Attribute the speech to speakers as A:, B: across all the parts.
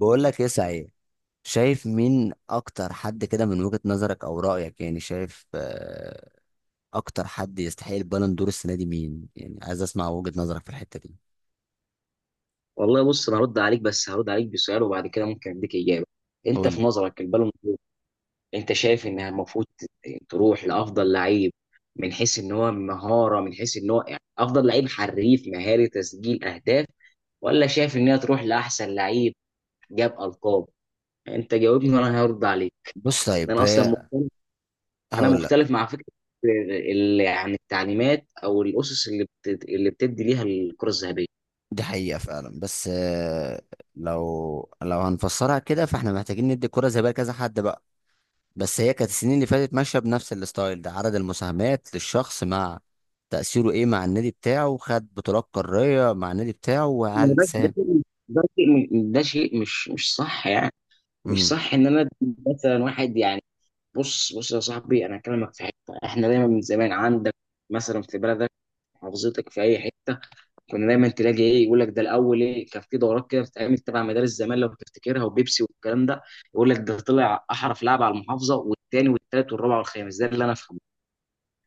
A: بقول لك ايه؟ صحيح، شايف مين اكتر حد كده من وجهة نظرك او رأيك؟ يعني شايف اكتر حد يستحق البالون دور السنة دي مين؟ يعني عايز اسمع وجهة نظرك في الحتة دي.
B: والله بص انا هرد عليك، بس هرد عليك بسؤال وبعد كده ممكن اديك اجابه. انت
A: قول
B: في
A: لي.
B: نظرك البالون دور، انت شايف انها المفروض تروح لافضل لعيب؟ من حيث ان هو مهاره، من حيث ان هو يعني افضل لعيب حريف مهاري تسجيل اهداف، ولا شايف ان هي تروح لاحسن لعيب جاب القاب؟ انت جاوبني وانا هرد عليك.
A: بص، طيب
B: انا اصلا
A: هي،
B: مختلف، انا
A: هقول لك.
B: مختلف مع فكره التعليمات او الاسس اللي بتدي ليها الكره الذهبيه.
A: دي حقيقة فعلا، بس لو هنفسرها كده فاحنا محتاجين ندي الكرة زي بقى كذا حد بقى. بس هي كانت السنين اللي فاتت ماشية بنفس الستايل ده، عدد المساهمات للشخص مع تأثيره ايه مع النادي بتاعه، خد بطولات قارية مع النادي بتاعه،
B: ما هو
A: وهل
B: ده
A: ساهم.
B: شيء، ده شيء مش صح يعني. مش
A: امم.
B: صح ان انا أدي مثلا واحد يعني. بص يا صاحبي، انا هكلمك في حته احنا دايما من زمان عندك، مثلا في بلدك، محافظتك، في اي حته كنا دايما تلاقي ايه، يقول لك ده الاول. ايه، كان في دورات كده بتتعمل تبع مدارس زمان لو تفتكرها، وبيبسي والكلام ده. يقول لك ده طلع احرف لاعب على المحافظه، والتاني والتالت والرابع والخامس. ده اللي انا افهمه،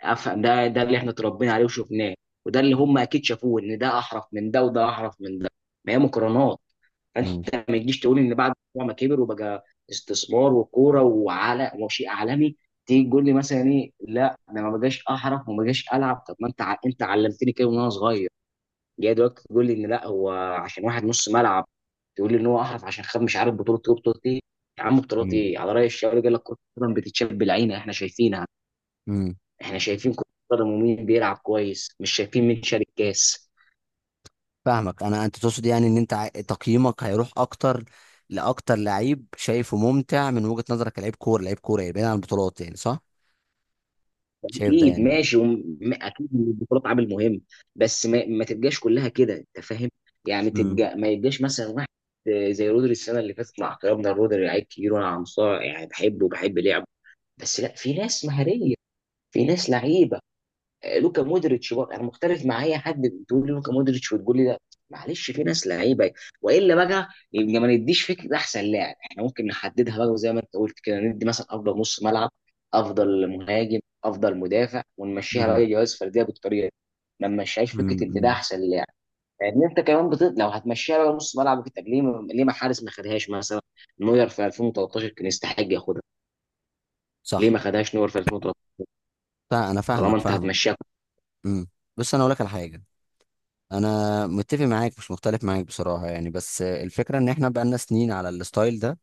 B: افهم ده، ده اللي احنا اتربينا عليه وشفناه، وده اللي هم اكيد شافوه، ان ده احرف من ده وده احرف من ده. ما هي مقارنات. فانت ما تجيش تقول ان بعد ما كبر وبقى استثمار وكوره وعلى وشيء عالمي، تيجي تقول لي مثلا ايه، لا انا ما بقاش احرف وما بقاش العب. طب ما انت انت علمتني كده وانا صغير، جاي دلوقتي تقول لي ان لا، هو عشان واحد نص ملعب، تقول لي ان هو احرف عشان خد مش عارف بطوله ايه بطوله ايه. يا عم بطولات
A: مم.
B: ايه؟ على راي الشاعر قال لك كره القدم بتتشاب بالعين، احنا شايفينها،
A: مم.
B: احنا شايفين كره القدم ومين بيلعب كويس، مش شايفين مين شارك كاس.
A: فاهمك انا، انت تقصد يعني ان انت تقييمك هيروح اكتر لاكتر لعيب شايفه ممتع من وجهة نظرك، كلاعب كوره، لعيب كوره، يعني بعيد عن البطولات، يعني صح؟ شايف ده
B: اكيد
A: يعني.
B: ماشي، اكيد إن البطولات عامل مهم، بس ما تبقاش كلها كده، انت فاهم؟ يعني
A: امم،
B: تبقى ما يبقاش مثلا واحد زي رودري السنه اللي فاتت. مع احترامنا لرودري، لعيب كبير، وانا عنصار يعني، بحبه وبحب لعبه، بس لا، في ناس مهاريه، في ناس لعيبه. لوكا مودريتش بقى انا مختلف مع اي حد بتقول لي لوكا مودريتش وتقول لي ده. معلش، في ناس لعيبه. والا بقى يبقى ما نديش فكره احسن لاعب. احنا ممكن نحددها بقى زي ما انت قلت كده، ندي مثلا افضل نص ملعب، افضل مهاجم، افضل مدافع، ونمشيها بقى
A: امم،
B: جوائز فرديه بالطريقه دي. ما نمشيهاش فكره ان ده
A: امم.
B: احسن لاعب. لان انت كمان لو هتمشيها بقى نص ملعب وكده، طب ليه ما... ليه ما حارس ما خدهاش؟ مثلا نوير في 2013 كان يستحق ياخدها. ليه
A: صح.
B: ما خدهاش نوير في 2013
A: انا
B: طالما
A: فاهمك
B: انت
A: فاهمك
B: هتمشيها؟
A: امم. بس انا اقول لك على حاجه. انا متفق معاك مش مختلف معاك بصراحه يعني، بس الفكره ان احنا بقالنا سنين على الستايل ده.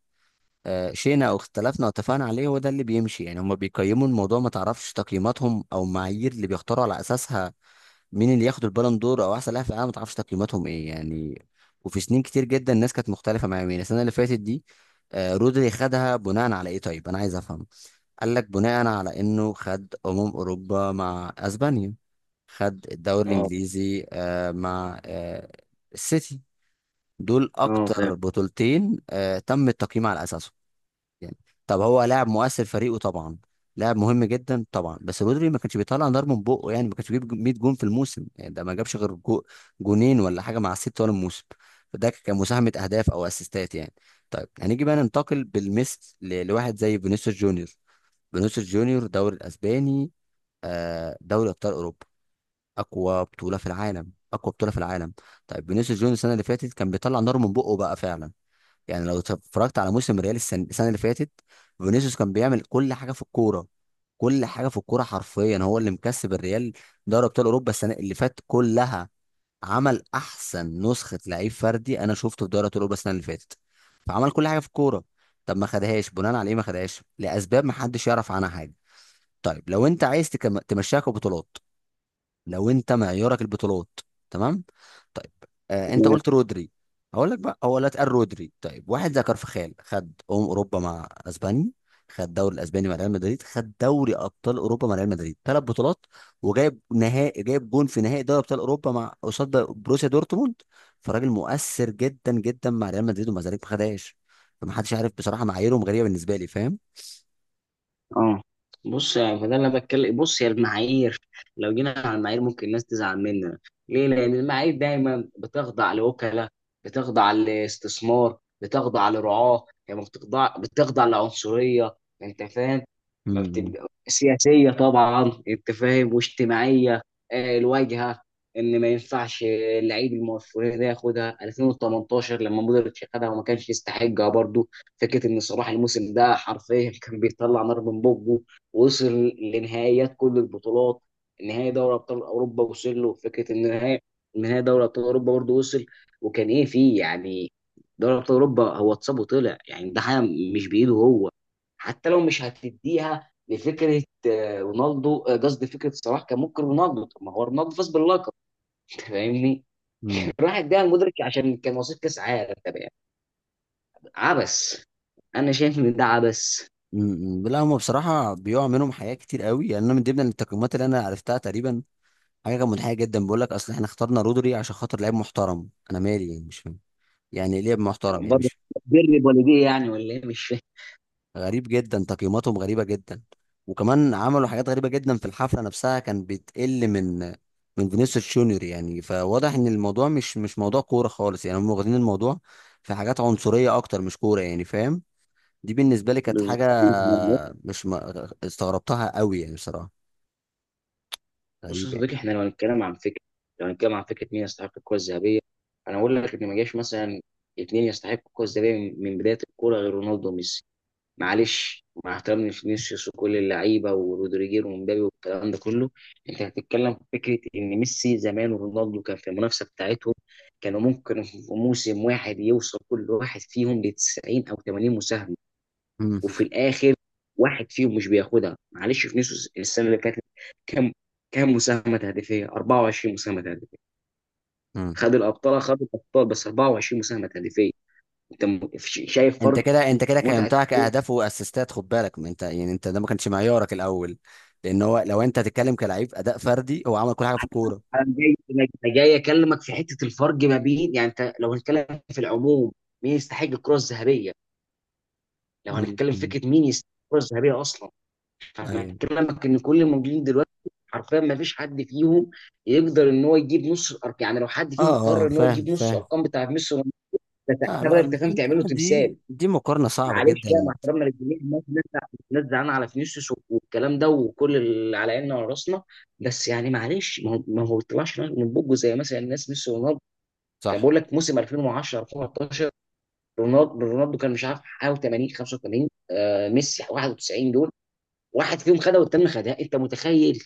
A: شئنا او اختلفنا او اتفقنا عليه، هو ده اللي بيمشي يعني. هم بيقيموا الموضوع، ما تعرفش تقييماتهم او المعايير اللي بيختاروا على اساسها مين اللي ياخد البالون دور او احسن لاعب في العالم. ما تعرفش تقييماتهم ايه يعني. وفي سنين كتير جدا الناس كانت مختلفه مع مين. السنه اللي فاتت دي رودري خدها بناء على ايه؟ طيب انا عايز افهم. قال لك بناء على انه خد اوروبا مع اسبانيا، خد الدوري
B: اه،
A: الانجليزي مع السيتي. دول
B: اه، فاهم،
A: اكتر بطولتين تم التقييم على اساسهم يعني. طب هو لاعب مؤثر فريقه طبعا، لاعب مهم جدا طبعا، بس رودري ما كانش بيطلع نار من بقه يعني. ما كانش بيجيب 100 جون في الموسم يعني. ده ما جابش غير جو جونين ولا حاجه مع الست طول الموسم. فده كان مساهمه اهداف او اسيستات يعني. طيب هنيجي بقى ننتقل بالمثل لواحد زي فينيسيوس جونيور. فينيسيوس جونيور دوري الاسباني، دوري ابطال اوروبا، اقوى بطوله في العالم، اقوى بطوله في العالم. طيب فينيسيوس جونيور السنه اللي فاتت كان بيطلع نار من بقه بقى فعلا. يعني لو اتفرجت على موسم ريال السنة اللي فاتت، فينيسيوس كان بيعمل كل حاجه في الكوره، كل حاجه في الكوره حرفيا. هو اللي مكسب الريال دوري ابطال اوروبا السنه اللي فاتت كلها. عمل احسن نسخه لعيب فردي انا شفته في دوري ابطال اوروبا السنه اللي فاتت. فعمل كل حاجه في الكوره. طب ما خدهاش بناء على ايه؟ ما خدهاش لاسباب ما حدش يعرف عنها حاجه. طيب لو انت عايز تمشيها كبطولات، لو انت معيارك البطولات، تمام. طيب، آه انت قلت رودري، هقول لك بقى، هو لا اتقال رودري. طيب واحد زي كارفخال خد اوروبا مع اسبانيا، خد دوري الاسباني مع ريال مدريد، خد دوري ابطال اوروبا مع ريال مدريد، ثلاث بطولات. وجايب نهائي، جايب جون في نهائي دوري ابطال اوروبا مع قصاد بروسيا دورتموند. فراجل مؤثر جدا جدا مع ريال مدريد، ومع ذلك ما خدهاش. فمحدش عارف بصراحه، معاييرهم غريبه بالنسبه لي، فاهم؟
B: اه. بص يعني فده اللي انا بتكلم. بص، هي المعايير، لو جينا على المعايير ممكن الناس تزعل مننا. ليه؟ لان المعايير دايما بتخضع لوكلاء، بتخضع لاستثمار، بتخضع لرعاه، هي ما بتخضع، بتخضع لعنصريه، انت فاهم، ما بتبقى سياسيه طبعا، انت فاهم، واجتماعيه. الواجهه، ان ما ينفعش اللعيب المؤثر ده ياخدها. 2018 لما مودريتش خدها وما كانش يستحقها برضه. فكره ان صلاح الموسم ده حرفيا كان بيطلع نار من بقه، ووصل لنهائيات كل البطولات. نهائي دوري ابطال اوروبا وصل له، فكره ان نهائي دوري ابطال اوروبا برضه وصل. وكان ايه فيه يعني؟ دوري ابطال اوروبا هو اتصاب وطلع، يعني ده حاجه مش بايده هو. حتى لو مش هتديها لفكره رونالدو، قصدي فكره صلاح، كان ممكن رونالدو، طب ما هو رونالدو فاز باللقب. أنت فاهمني.
A: امم.
B: راح اداها المدرك عشان كان وصيف كاس عالم. طب يعني عبس، انا شايف ان ده عبس.
A: م- م. لا هم بصراحه بيقع منهم حاجات كتير قوي يعني. انا من ضمن التقييمات اللي انا عرفتها تقريبا، حاجه كانت منحيه جدا، بيقول لك اصل احنا اخترنا رودري عشان خاطر لعيب محترم. انا مالي يعني؟ مش فاهم يعني ايه لعيب محترم؟ يعني
B: برضه
A: مش
B: بر والديه يعني، ولا ايه؟ مش فاهم.
A: غريب جدا؟ تقييماتهم غريبه جدا. وكمان عملوا حاجات غريبه جدا في الحفله نفسها، كان بتقل من من فينيسيوس جونيور يعني. فواضح ان الموضوع مش مش موضوع كوره خالص يعني. هم واخدين الموضوع في حاجات عنصريه اكتر مش كوره يعني، فاهم؟ دي بالنسبه لي كانت حاجه
B: بالظبط.
A: مش ما استغربتها قوي يعني بصراحه.
B: بص يا
A: غريب يعني.
B: صديقي، احنا لو هنتكلم عن فكره، لو هنتكلم عن فكره مين يستحق الكره الذهبيه، انا اقول لك ان ما جاش مثلا اثنين يستحقوا الكره الذهبيه من بدايه الكوره غير رونالدو وميسي. معلش، مع احترامي لفينيسيوس وكل اللعيبه ورودريجير ومبابي والكلام ده كله. انت هتتكلم في فكره ان ميسي زمان ورونالدو كان في المنافسه بتاعتهم، كانوا ممكن في موسم واحد يوصل كل واحد فيهم ل 90 او 80 مساهمه،
A: امم.
B: وفي الاخر واحد فيهم مش بياخدها. معلش، فينيسيوس السنه اللي فاتت كام، كام مساهمه تهديفيه؟ 24 مساهمه تهديفيه،
A: امم.
B: خد الابطال، خد الابطال، بس 24 مساهمه تهديفيه. انت شايف
A: انت
B: فرق؟
A: كده، انت كده
B: متعه.
A: قيمتها كاهداف واسيستات، خد بالك، ما انت يعني انت ده ما كانش معيارك الاول. لان هو، لو انت تتكلم كلاعب اداء فردي، هو عمل كل حاجه في الكوره.
B: انا جاي انا جاي اكلمك في حته الفرق ما بين، يعني انت لو هنتكلم في العموم مين يستحق الكره الذهبيه، لو
A: امم.
B: هنتكلم
A: امم.
B: فكره مين يستحق الكره الذهبيه اصلا، انا
A: ايوه.
B: بكلمك ان كل الموجودين دلوقتي حرفيا ما فيش حد فيهم يقدر ان هو يجيب نص الارقام. يعني لو حد
A: اه.
B: فيهم قرر
A: اه
B: ان هو
A: فاهم،
B: يجيب نص
A: فاهم.
B: الارقام بتاعت ميسي ورونالدو، ده
A: لا
B: ساعتها بقى
A: لا،
B: انت فاهم
A: انت
B: تعمله تمثال.
A: دي مقارنه صعبه
B: معلش بقى
A: جدا.
B: مع احترامنا للجميع، الناس زعلانه على فينيسيوس والكلام ده وكل اللي على عيننا وعلى راسنا، بس يعني معلش، ما هو طلعش من بوجه زي مثلا الناس ميسي ورونالدو. كان
A: صح.
B: بقول لك موسم 2010، 2013، رونالدو كان مش عارف حاجه 80، 85، آه ميسي 91. دول واحد فيهم خدها والتاني خدها، انت متخيل؟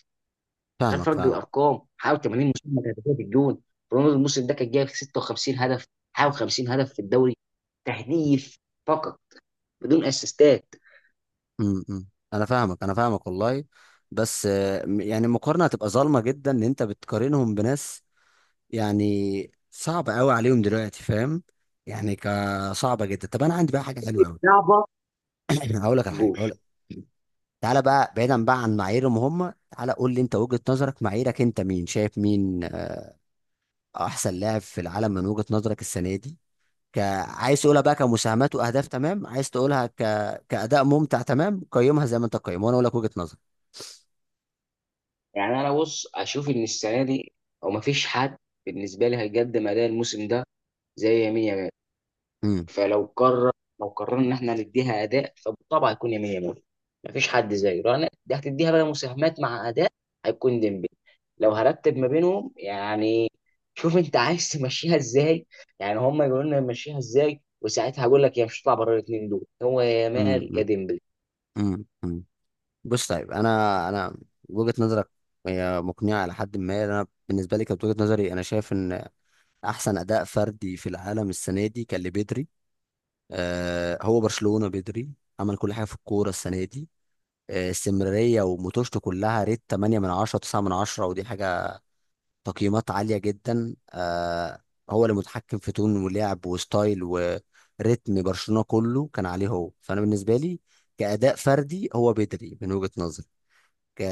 B: تخيل
A: فاهمك،
B: فرق
A: فاهم.
B: الارقام، حاول 80 مساهمه تهديفيه في الجون. رونالدو الموسم ده كان جايب 56 هدف، حاول 50 هدف في الدوري تهديف فقط بدون اسيستات.
A: امم. أمم. انا فاهمك، انا فاهمك والله. بس يعني المقارنه هتبقى ظالمه جدا ان انت بتقارنهم بناس يعني صعب قوي عليهم دلوقتي، فاهم؟ يعني كصعبه جدا. طب انا عندي بقى حاجه حلوه قوي.
B: صعبه.
A: هقول لك على حاجه،
B: جول.
A: هقول لك. تعالى بقى بعيدا بقى عن معاييرهم هم، تعالى قول لي انت، وجهه نظرك، معاييرك انت، مين شايف مين احسن لاعب في العالم من وجهه نظرك السنه دي؟ ك... عايز تقولها بقى كمساهمات واهداف، تمام. عايز تقولها كاداء ممتع، تمام. قيمها زي ما انت قيمها وانا اقول لك وجهه نظري.
B: يعني انا بص اشوف ان السنه دي، او مفيش حد بالنسبه لي هيقدم اداء الموسم ده زي يمين يامال.
A: امم.
B: فلو قرر، لو قررنا ان احنا نديها اداء، فبالطبع هيكون يمين، يمين مفيش حد زيه. لو دي هتديها بقى مساهمات مع اداء، هيكون ديمبلي لو هرتب ما بينهم يعني. شوف انت عايز تمشيها ازاي، يعني هم يقولوا لنا نمشيها ازاي وساعتها هقول لك. يا مش هتطلع بره الاثنين دول، هو يا مال يا
A: امم.
B: ديمبلي.
A: امم. امم. بص، طيب انا، وجهة نظرك هي مقنعة على حد ما. انا بالنسبة لي كانت وجهة نظري انا شايف ان احسن اداء فردي في العالم السنة دي كان لبدري. آه، هو برشلونة بدري، عمل كل حاجة في الكورة السنة دي. آه، استمرارية وموتوشته كلها ريت 8 من 10، 9 من 10، ودي حاجة تقييمات عالية جدا. آه، هو اللي متحكم في تون ولعب وستايل وريتم برشلونة، كله كان عليه هو. فانا بالنسبة لي كأداء فردي هو بدري من وجهة نظري. ك...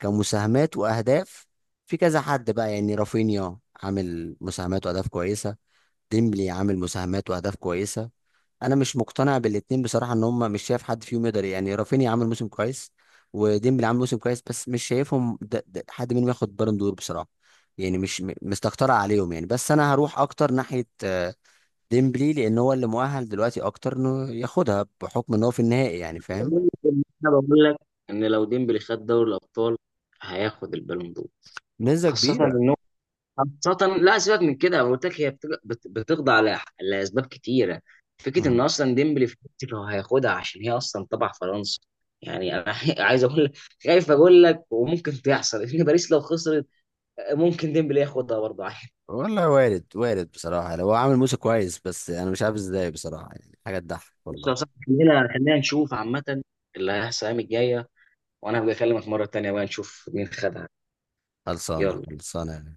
A: كمساهمات واهداف، في كذا حد بقى يعني. رافينيا عامل مساهمات واهداف كويسه، ديمبلي عامل مساهمات واهداف كويسه. انا مش مقتنع بالاتنين بصراحه، ان هم مش شايف حد فيهم يقدر يعني. رافينيا عامل موسم كويس وديمبلي عامل موسم كويس، بس مش شايفهم ده حد منهم ياخد بالون دور بصراحه. يعني مش مستكترة عليهم يعني، بس انا هروح اكتر ناحيه ديمبلي، لان هو اللي مؤهل دلوقتي اكتر انه ياخدها بحكم ان هو في النهائي يعني، فاهم؟
B: انا بقول لك ان لو ديمبلي خد دوري الابطال هياخد البالون دور.
A: نسبة
B: خاصة
A: كبيرة.
B: ان، خاصة لا، سيبك من كده، أنا قلت لك هي بتخضع لأسباب كتيرة. فكرة إن أصلا ديمبلي في فرنسا هو هياخدها عشان هي أصلا تبع فرنسا. يعني أنا عايز أقول لك، خايف أقول لك، وممكن تحصل إن باريس لو خسرت ممكن ديمبلي ياخدها برضه عادي.
A: والله وارد، وارد بصراحة، لو هو عامل موسى كويس، بس أنا مش عارف إزاي بصراحة. يعني حاجة تضحك
B: بص
A: والله.
B: يا صاحبي، خلينا نشوف عامة اللي هيحصل الأيام الجاية، وأنا هبقى أكلمك مرة تانية بقى نشوف مين خدها.
A: خلصانة،
B: يلا.
A: خلصانة يعني.